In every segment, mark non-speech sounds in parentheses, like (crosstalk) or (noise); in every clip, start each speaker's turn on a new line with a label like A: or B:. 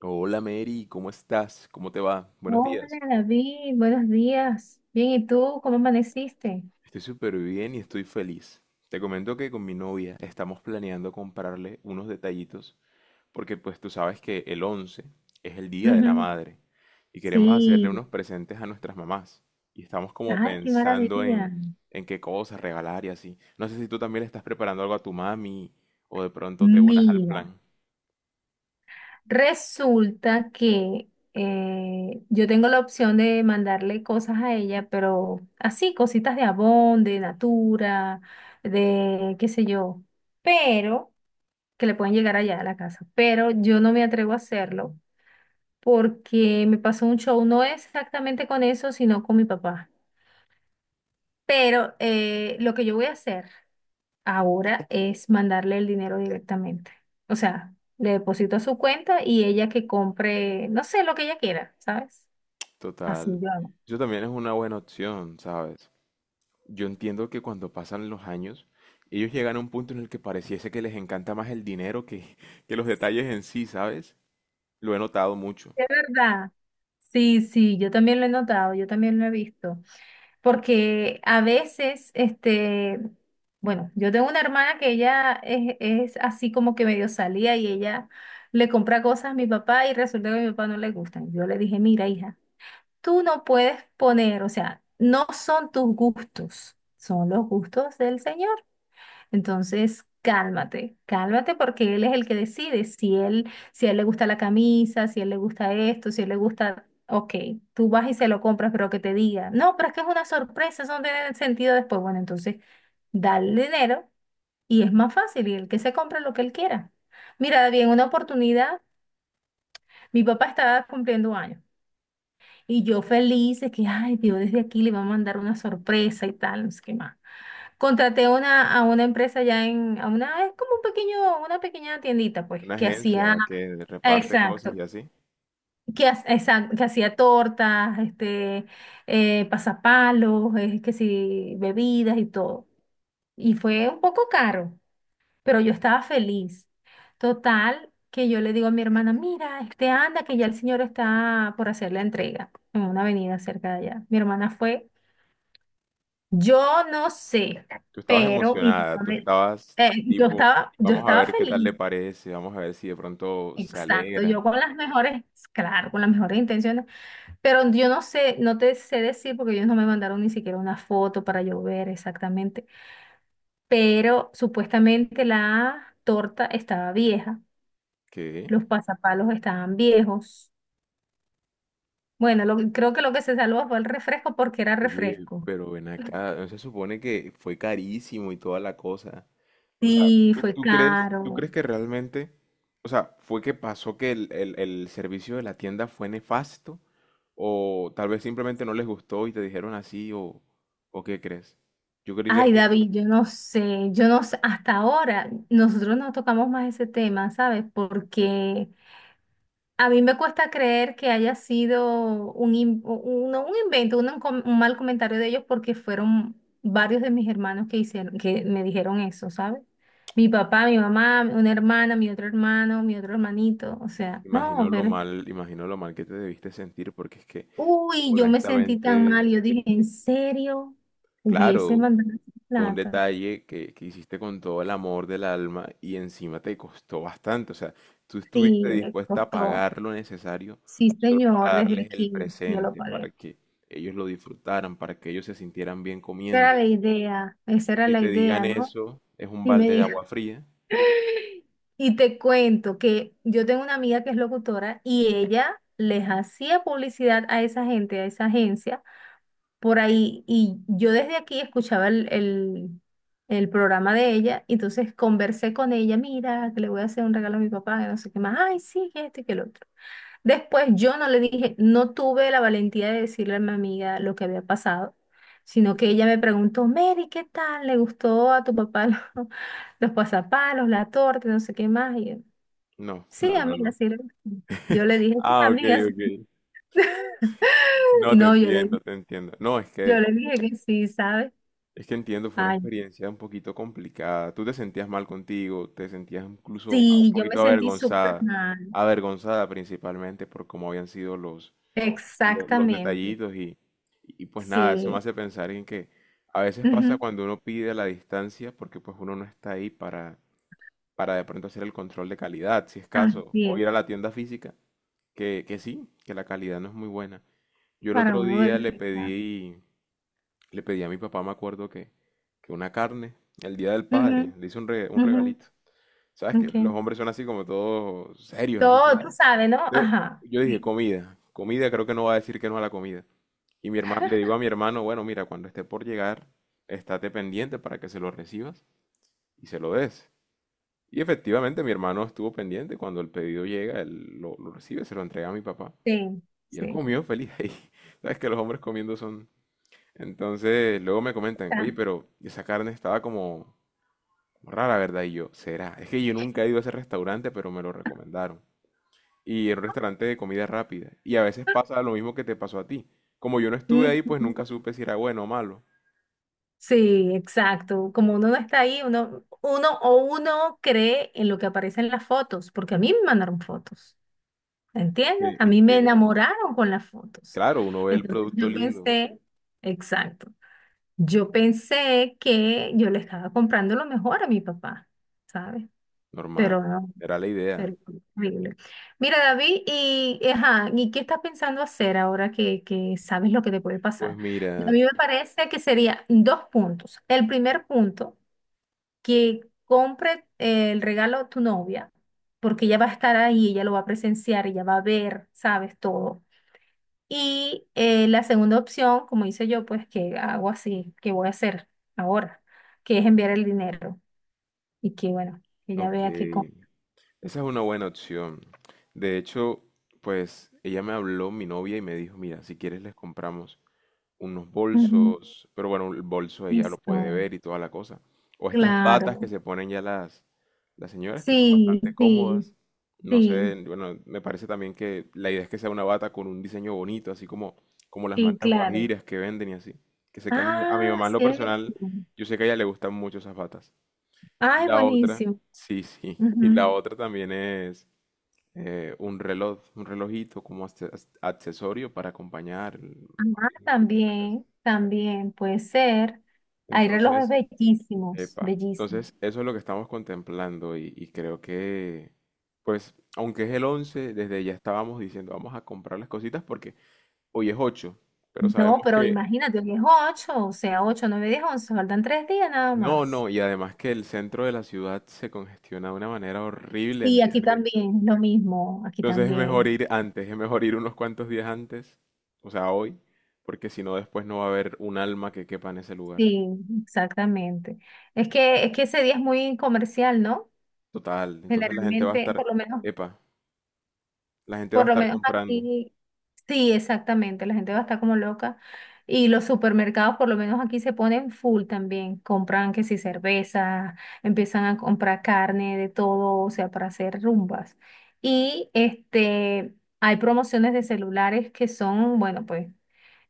A: Hola Mary, ¿cómo estás? ¿Cómo te va? Buenos
B: Hola
A: días.
B: David, buenos días. Bien, ¿y tú? ¿Cómo amaneciste?
A: Estoy súper bien y estoy feliz. Te comento que con mi novia estamos planeando comprarle unos detallitos porque pues tú sabes que el 11 es el Día de la
B: Ujú.
A: Madre y queremos Ujú. Hacerle
B: Sí,
A: unos presentes a nuestras mamás y estamos como
B: ay, qué
A: pensando
B: maravilla.
A: en qué cosas regalar y así. No sé si tú también le estás preparando algo a tu mami o de pronto te unas al
B: Mira,
A: plan.
B: resulta que yo tengo la opción de mandarle cosas a ella, pero así, cositas de Avon, de Natura, de qué sé yo, pero que le pueden llegar allá a la casa, pero yo no me atrevo a hacerlo porque me pasó un show, no exactamente con eso, sino con mi papá. Pero lo que yo voy a hacer ahora es mandarle el dinero directamente. O sea, le deposito a su cuenta y ella que compre, no sé, lo que ella quiera, ¿sabes? Así
A: Total.
B: yo hago.
A: Eso también es una buena opción, ¿sabes? Yo entiendo que cuando pasan los años, ellos llegan a un punto en el que pareciese que les encanta más el dinero que, (laughs) que los detalles en sí, ¿sabes? Lo he notado mucho.
B: De verdad. Sí, sí, yo también lo he notado, yo también lo he visto. Porque a veces, este, bueno, yo tengo una hermana que ella es así como que medio salía y ella le compra cosas a mi papá y resulta que a mi papá no le gustan. Yo le dije, mira, hija. Tú no puedes poner, o sea, no son tus gustos, son los gustos del Señor. Entonces, cálmate, cálmate porque Él es el que decide si él, si a él le gusta la camisa, si a él le gusta esto, si a él le gusta, ok, tú vas y se lo compras, pero que te diga, no, pero es que es una sorpresa, eso no tiene sentido después. Bueno, entonces, dale el dinero y es más fácil y el que se compra lo que él quiera. Mira, David, en una oportunidad, mi papá estaba cumpliendo años. Y yo feliz de que, ay, Dios, desde aquí le va a mandar una sorpresa y tal, no sé qué más. Contraté a una, empresa ya en, es como un pequeño, una pequeña tiendita, pues,
A: Una
B: que hacía,
A: agencia que reparte cosas
B: exacto,
A: y así.
B: que, exacto, que hacía tortas, pasapalos, que sí, bebidas y todo. Y fue un poco caro, pero yo estaba feliz. Total, que yo le digo a mi hermana, mira, este anda, que ya el señor está por hacer la entrega en una avenida cerca de allá. Mi hermana fue. Yo no sé,
A: Tú estabas
B: pero
A: emocionada, tú estabas
B: eh, yo
A: tipo,
B: estaba, yo
A: vamos a
B: estaba
A: ver qué tal le
B: feliz,
A: parece, vamos a ver si de pronto se
B: exacto,
A: alegra.
B: yo con las mejores, claro, con las mejores intenciones, pero yo no sé, no te sé decir porque ellos no me mandaron ni siquiera una foto para yo ver exactamente, pero supuestamente la torta estaba vieja,
A: ¿Qué?
B: los pasapalos estaban viejos. Bueno, creo que lo que se salvó fue el refresco porque era
A: Oye,
B: refresco.
A: pero ven acá, ¿no se supone que fue carísimo y toda la cosa? O sea,
B: Sí,
A: ¿tú,
B: fue
A: tú crees, tú
B: caro.
A: crees que realmente, o sea, fue que pasó que el servicio de la tienda fue nefasto? ¿O tal vez simplemente no les gustó y te dijeron así? ¿O qué crees? Yo creería
B: Ay,
A: que
B: David, yo no sé, hasta ahora nosotros no tocamos más ese tema, ¿sabes? Porque a mí me cuesta creer que haya sido un, no, un invento, un mal comentario de ellos porque fueron varios de mis hermanos que hicieron, que me dijeron eso, ¿sabes? Mi papá, mi mamá, una hermana, mi otro hermano, mi otro hermanito, o sea, no, pero,
A: imagino lo mal que te debiste sentir porque es que,
B: uy, yo me sentí tan
A: honestamente,
B: mal, yo dije, ¿en serio? Hubiese
A: claro.
B: mandado esa
A: Fue un
B: plata.
A: detalle que, hiciste con todo el amor del alma y encima te costó bastante. O sea, tú estuviste
B: Sí, me
A: dispuesta a
B: costó.
A: pagar lo necesario
B: Sí,
A: solo para
B: señor, desde
A: darles el
B: aquí yo lo
A: presente, para
B: pagué.
A: que ellos lo disfrutaran, para que ellos se sintieran bien
B: Esa
A: comiendo.
B: era la idea, esa
A: Y
B: era
A: que
B: la
A: te digan
B: idea, ¿no?
A: eso es un
B: Y me
A: balde de
B: dijo,
A: agua fría.
B: (laughs) y te cuento que yo tengo una amiga que es locutora y ella les hacía publicidad a esa gente, a esa agencia, por ahí, y yo desde aquí escuchaba el programa de ella, y entonces conversé con ella, mira, que le voy a hacer un regalo a mi papá, que no sé qué más, ay, sí, que esto y que el otro. Después yo no le dije, no tuve la valentía de decirle a mi amiga lo que había pasado, sino que ella me preguntó, Mary, ¿qué tal? ¿Le gustó a tu papá los, (laughs) los pasapalos, la torta, no sé qué más? Y yo,
A: No,
B: sí,
A: no, no,
B: amiga,
A: no.
B: sí. Le gustó". Yo le dije, sí,
A: Ah, ok,
B: amiga, sí".
A: ok.
B: (laughs)
A: No te
B: No, yo le,
A: entiendo, te entiendo. No, es que de
B: yo le dije que sí, ¿sabes?
A: Es que entiendo, fue una
B: Ay,
A: experiencia un poquito complicada. Tú te sentías mal contigo, te sentías incluso un
B: sí, yo me
A: poquito
B: sentí súper
A: avergonzada,
B: mal.
A: avergonzada principalmente por cómo habían sido los, los,
B: Exactamente,
A: detallitos y pues nada, eso me
B: sí.
A: hace pensar en que a veces pasa
B: Ujú.
A: cuando uno pide la distancia porque pues uno no está ahí para, de pronto hacer el control de calidad, si es caso,
B: Así
A: o
B: es,
A: ir a la tienda física, que, sí, que la calidad no es muy buena. Yo el
B: para
A: otro
B: uno
A: día le
B: verificar.
A: pedí a mi papá, me acuerdo que, una carne, el Día del
B: Ujú,
A: Padre, le hice un
B: ujú,
A: regalito. ¿Sabes que los
B: ok.
A: hombres son así como todos serios, así?
B: Todo, tú sabes, ¿no?
A: Entonces,
B: Ajá.
A: yo dije,
B: Sí,
A: comida, comida, creo que no va a decir que no a la comida. Le digo a mi hermano, bueno, mira, cuando esté por llegar, estate pendiente para que se lo recibas y se lo des. Y efectivamente mi hermano estuvo pendiente, cuando el pedido llega, él lo recibe, se lo entrega a mi papá.
B: sí,
A: Y él
B: sí.
A: comió feliz ahí. (laughs) Sabes que los hombres comiendo son, entonces, luego me comentan,
B: Ah,
A: oye, pero esa carne estaba como rara, ¿verdad? Y yo, ¿será? Es que yo nunca he ido a ese restaurante, pero me lo recomendaron. Y era un restaurante de comida rápida. Y a veces pasa lo mismo que te pasó a ti. Como yo no estuve ahí, pues
B: mm,
A: nunca supe si era bueno o malo.
B: sí, exacto. Como uno no está ahí, uno, uno o uno cree en lo que aparece en las fotos, porque a mí me mandaron fotos,
A: Es
B: ¿entiendes?
A: que,
B: A
A: es
B: mí me
A: que,
B: enamoraron con las fotos.
A: claro, uno ve el
B: Entonces
A: producto
B: yo
A: lindo,
B: pensé, exacto, yo pensé que yo le estaba comprando lo mejor a mi papá, ¿sabes?
A: normal.
B: Pero no.
A: Era la idea.
B: Terrible. Mira, David, y, ajá, ¿y qué estás pensando hacer ahora que sabes lo que te puede pasar?
A: Pues
B: A
A: mira,
B: mí me parece que sería dos puntos. El primer punto, que compre el regalo a tu novia, porque ella va a estar ahí, ella lo va a presenciar, ella va a ver, sabes, todo. Y la segunda opción, como hice yo, pues que hago así, que voy a hacer ahora, que es enviar el dinero y que, bueno, que ella
A: ok.
B: vea que... com-
A: Esa es una buena opción. De hecho, pues ella me habló, mi novia, y me dijo, mira, si quieres les compramos unos
B: Ujú.
A: bolsos, pero bueno, el bolso ella lo puede
B: Eso.
A: ver y toda la cosa. O estas batas que
B: Claro.
A: se ponen ya las señoras, que son
B: Sí,
A: bastante
B: sí,
A: cómodas. No sé,
B: sí,
A: bueno, me parece también que la idea es que sea una bata con un diseño bonito, así como las
B: sí,
A: mantas
B: claro.
A: guajiras que venden y así. Que sé que a mi
B: Ah,
A: mamá en lo
B: cierto.
A: personal, yo sé que a ella le gustan mucho esas batas. Y
B: Ay,
A: la otra,
B: buenísimo.
A: sí, sí, (laughs) y la
B: Ujú.
A: otra también es un reloj, un relojito como accesorio para acompañar el-
B: Ah, también, también puede ser. Hay relojes
A: Entonces,
B: bellísimos,
A: epa,
B: bellísimos.
A: entonces eso es lo que estamos contemplando y creo que, pues, aunque es el 11 desde ya estábamos diciendo, vamos a comprar las cositas porque hoy es 8, pero sabemos
B: No, pero
A: que
B: imagínate, hoy es ocho, o sea, ocho, nueve, diez, once, faltan tres días nada
A: no,
B: más.
A: no, y además que el centro de la ciudad se congestiona de una manera horrible en
B: Sí, aquí
A: días de...
B: también, lo mismo, aquí
A: Entonces es mejor
B: también.
A: ir antes, es mejor ir unos cuantos días antes, o sea, hoy, porque si no después no va a haber un alma que quepa en ese lugar.
B: Sí, exactamente. Es que ese día es muy comercial, ¿no?
A: Total, entonces la gente va a
B: Generalmente,
A: estar,
B: por lo menos.
A: epa, la gente va a
B: Por lo
A: estar
B: menos
A: comprando.
B: aquí, sí, exactamente, la gente va a estar como loca. Y los supermercados, por lo menos aquí, se ponen full también. Compran que si cerveza, empiezan a comprar carne, de todo, o sea, para hacer rumbas. Y este, hay promociones de celulares que son, bueno, pues.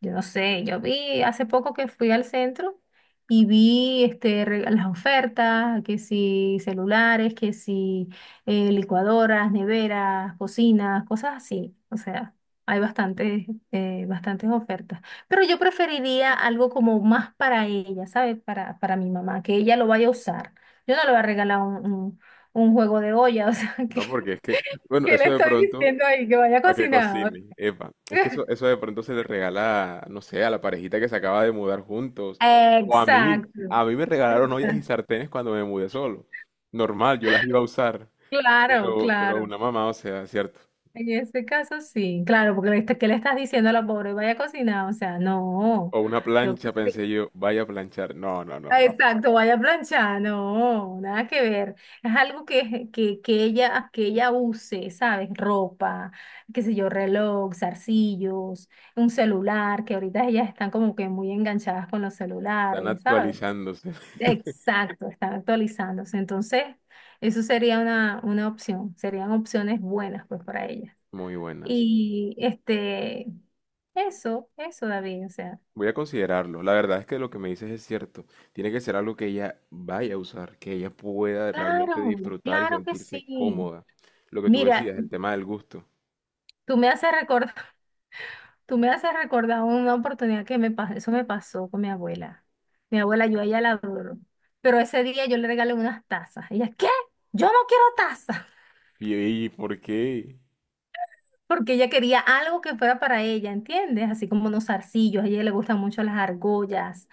B: Yo no sé, yo vi hace poco que fui al centro y vi las ofertas, que si celulares, que si licuadoras, neveras, cocinas, cosas así. O sea, hay bastantes ofertas. Pero yo preferiría algo como más para ella, ¿sabes? Para mi mamá, que ella lo vaya a usar. Yo no le voy a regalar un juego de olla, o sea, (laughs)
A: No, porque es que, bueno,
B: que
A: eso
B: le
A: de
B: estoy
A: pronto,
B: diciendo ahí que vaya a
A: para que
B: cocinar.
A: cocine, epa, es que eso,
B: (laughs)
A: eso de pronto se le regala, no sé, a la parejita que se acaba de mudar juntos, o a mí,
B: Exacto,
A: a mí me regalaron ollas y
B: exacto.
A: sartenes cuando me mudé solo, normal, yo las iba a usar,
B: Claro,
A: pero
B: claro.
A: una mamá, o sea, ¿cierto?
B: En este caso sí, claro, porque le está- ¿qué le estás diciendo a la pobre? Vaya a cocinar, o sea, no.
A: O una
B: Yo,
A: plancha, pensé
B: (laughs)
A: yo, vaya a planchar, no, no, no, no,
B: exacto, vaya a planchar, no, nada que ver. Es algo que ella use, ¿sabes? Ropa, qué sé yo, reloj, zarcillos, un celular, que ahorita ellas están como que muy enganchadas con los
A: están
B: celulares, ¿sabes?
A: actualizándose, (laughs)
B: Exacto, están actualizándose. Entonces, eso sería una opción, serían opciones buenas pues para ellas.
A: muy buenas.
B: Y este, eso, David, o sea,
A: Voy a considerarlo. La verdad es que lo que me dices es cierto. Tiene que ser algo que ella vaya a usar, que ella pueda realmente
B: claro,
A: disfrutar y
B: claro que
A: sentirse
B: sí.
A: cómoda. Lo que tú
B: Mira,
A: decías, el tema del gusto.
B: tú me haces recordar, (laughs) tú me haces recordar una oportunidad que me pasó, eso me pasó con mi abuela. Mi abuela, yo a ella la adoro, pero ese día yo le regalé unas tazas. Ella, ¿qué? Yo no quiero tazas.
A: Y, y ¿por qué?
B: Porque ella quería algo que fuera para ella, ¿entiendes? Así como unos zarcillos, a ella le gustan mucho las argollas.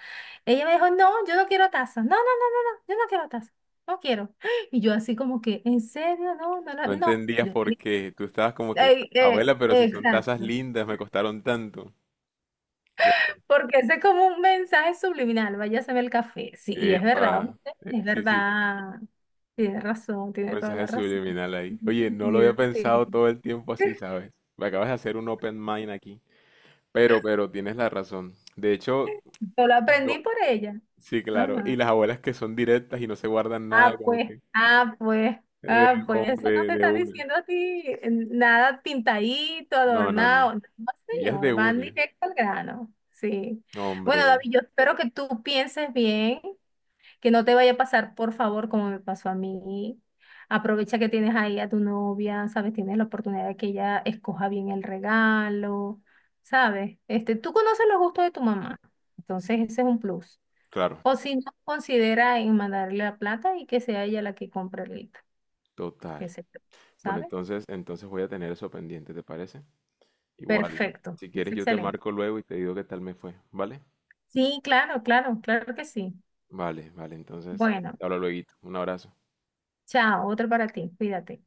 B: Ella me dijo, no, yo no quiero tazas, no, no, no, no, no, yo no quiero tazas, no quiero. (gasps) Y yo así como que, ¿en serio? No, no, no,
A: No
B: no.
A: entendías
B: Yo
A: por
B: tenía-
A: qué. Tú estabas como que, abuela, pero si son tazas
B: Exacto,
A: lindas, me costaron tanto. Claro.
B: porque ese es como un mensaje subliminal, váyase a ver el café, sí, y es verdad,
A: Epa.
B: ¿oíste? Es
A: Sí, sí.
B: verdad, tiene razón,
A: Un
B: tiene toda
A: mensaje
B: la razón.
A: subliminal
B: (laughs)
A: ahí.
B: Tiene
A: Oye, no lo
B: sentido,
A: había
B: sí.
A: pensado todo el tiempo así, ¿sabes? Me acabas de hacer un open mind aquí. Pero tienes la razón. De hecho,
B: Yo lo aprendí
A: no,
B: por ella.
A: sí, claro. Y
B: Ajá.
A: las abuelas que son directas y no se guardan nada,
B: Ah,
A: como
B: pues,
A: que,
B: ah, pues, ah, pues, eso no
A: hombre,
B: te
A: de
B: están
A: una.
B: diciendo a ti nada pintadito,
A: No, no, no.
B: adornado. No,
A: Y es de
B: señor, van
A: una.
B: directo al grano. Sí. Bueno,
A: Hombre,
B: David, yo espero que tú pienses bien, que no te vaya a pasar, por favor, como me pasó a mí. Aprovecha que tienes ahí a tu novia, ¿sabes? Tienes la oportunidad de que ella escoja bien el regalo, ¿sabes? Este, tú conoces los gustos de tu mamá, entonces ese es un plus.
A: claro,
B: O si no, considera en mandarle la plata y que sea ella la que compre el hito, qué
A: total.
B: se yo,
A: Bueno,
B: ¿sabe?
A: entonces, voy a tener eso pendiente, ¿te parece? Igual,
B: Perfecto,
A: si
B: es
A: quieres yo te
B: excelente.
A: marco luego y te digo qué tal me fue, ¿vale?
B: Sí, claro, claro, claro que sí.
A: Vale, vale, entonces,
B: Bueno,
A: te hablo luego. Un abrazo.
B: chao, otro para ti, cuídate.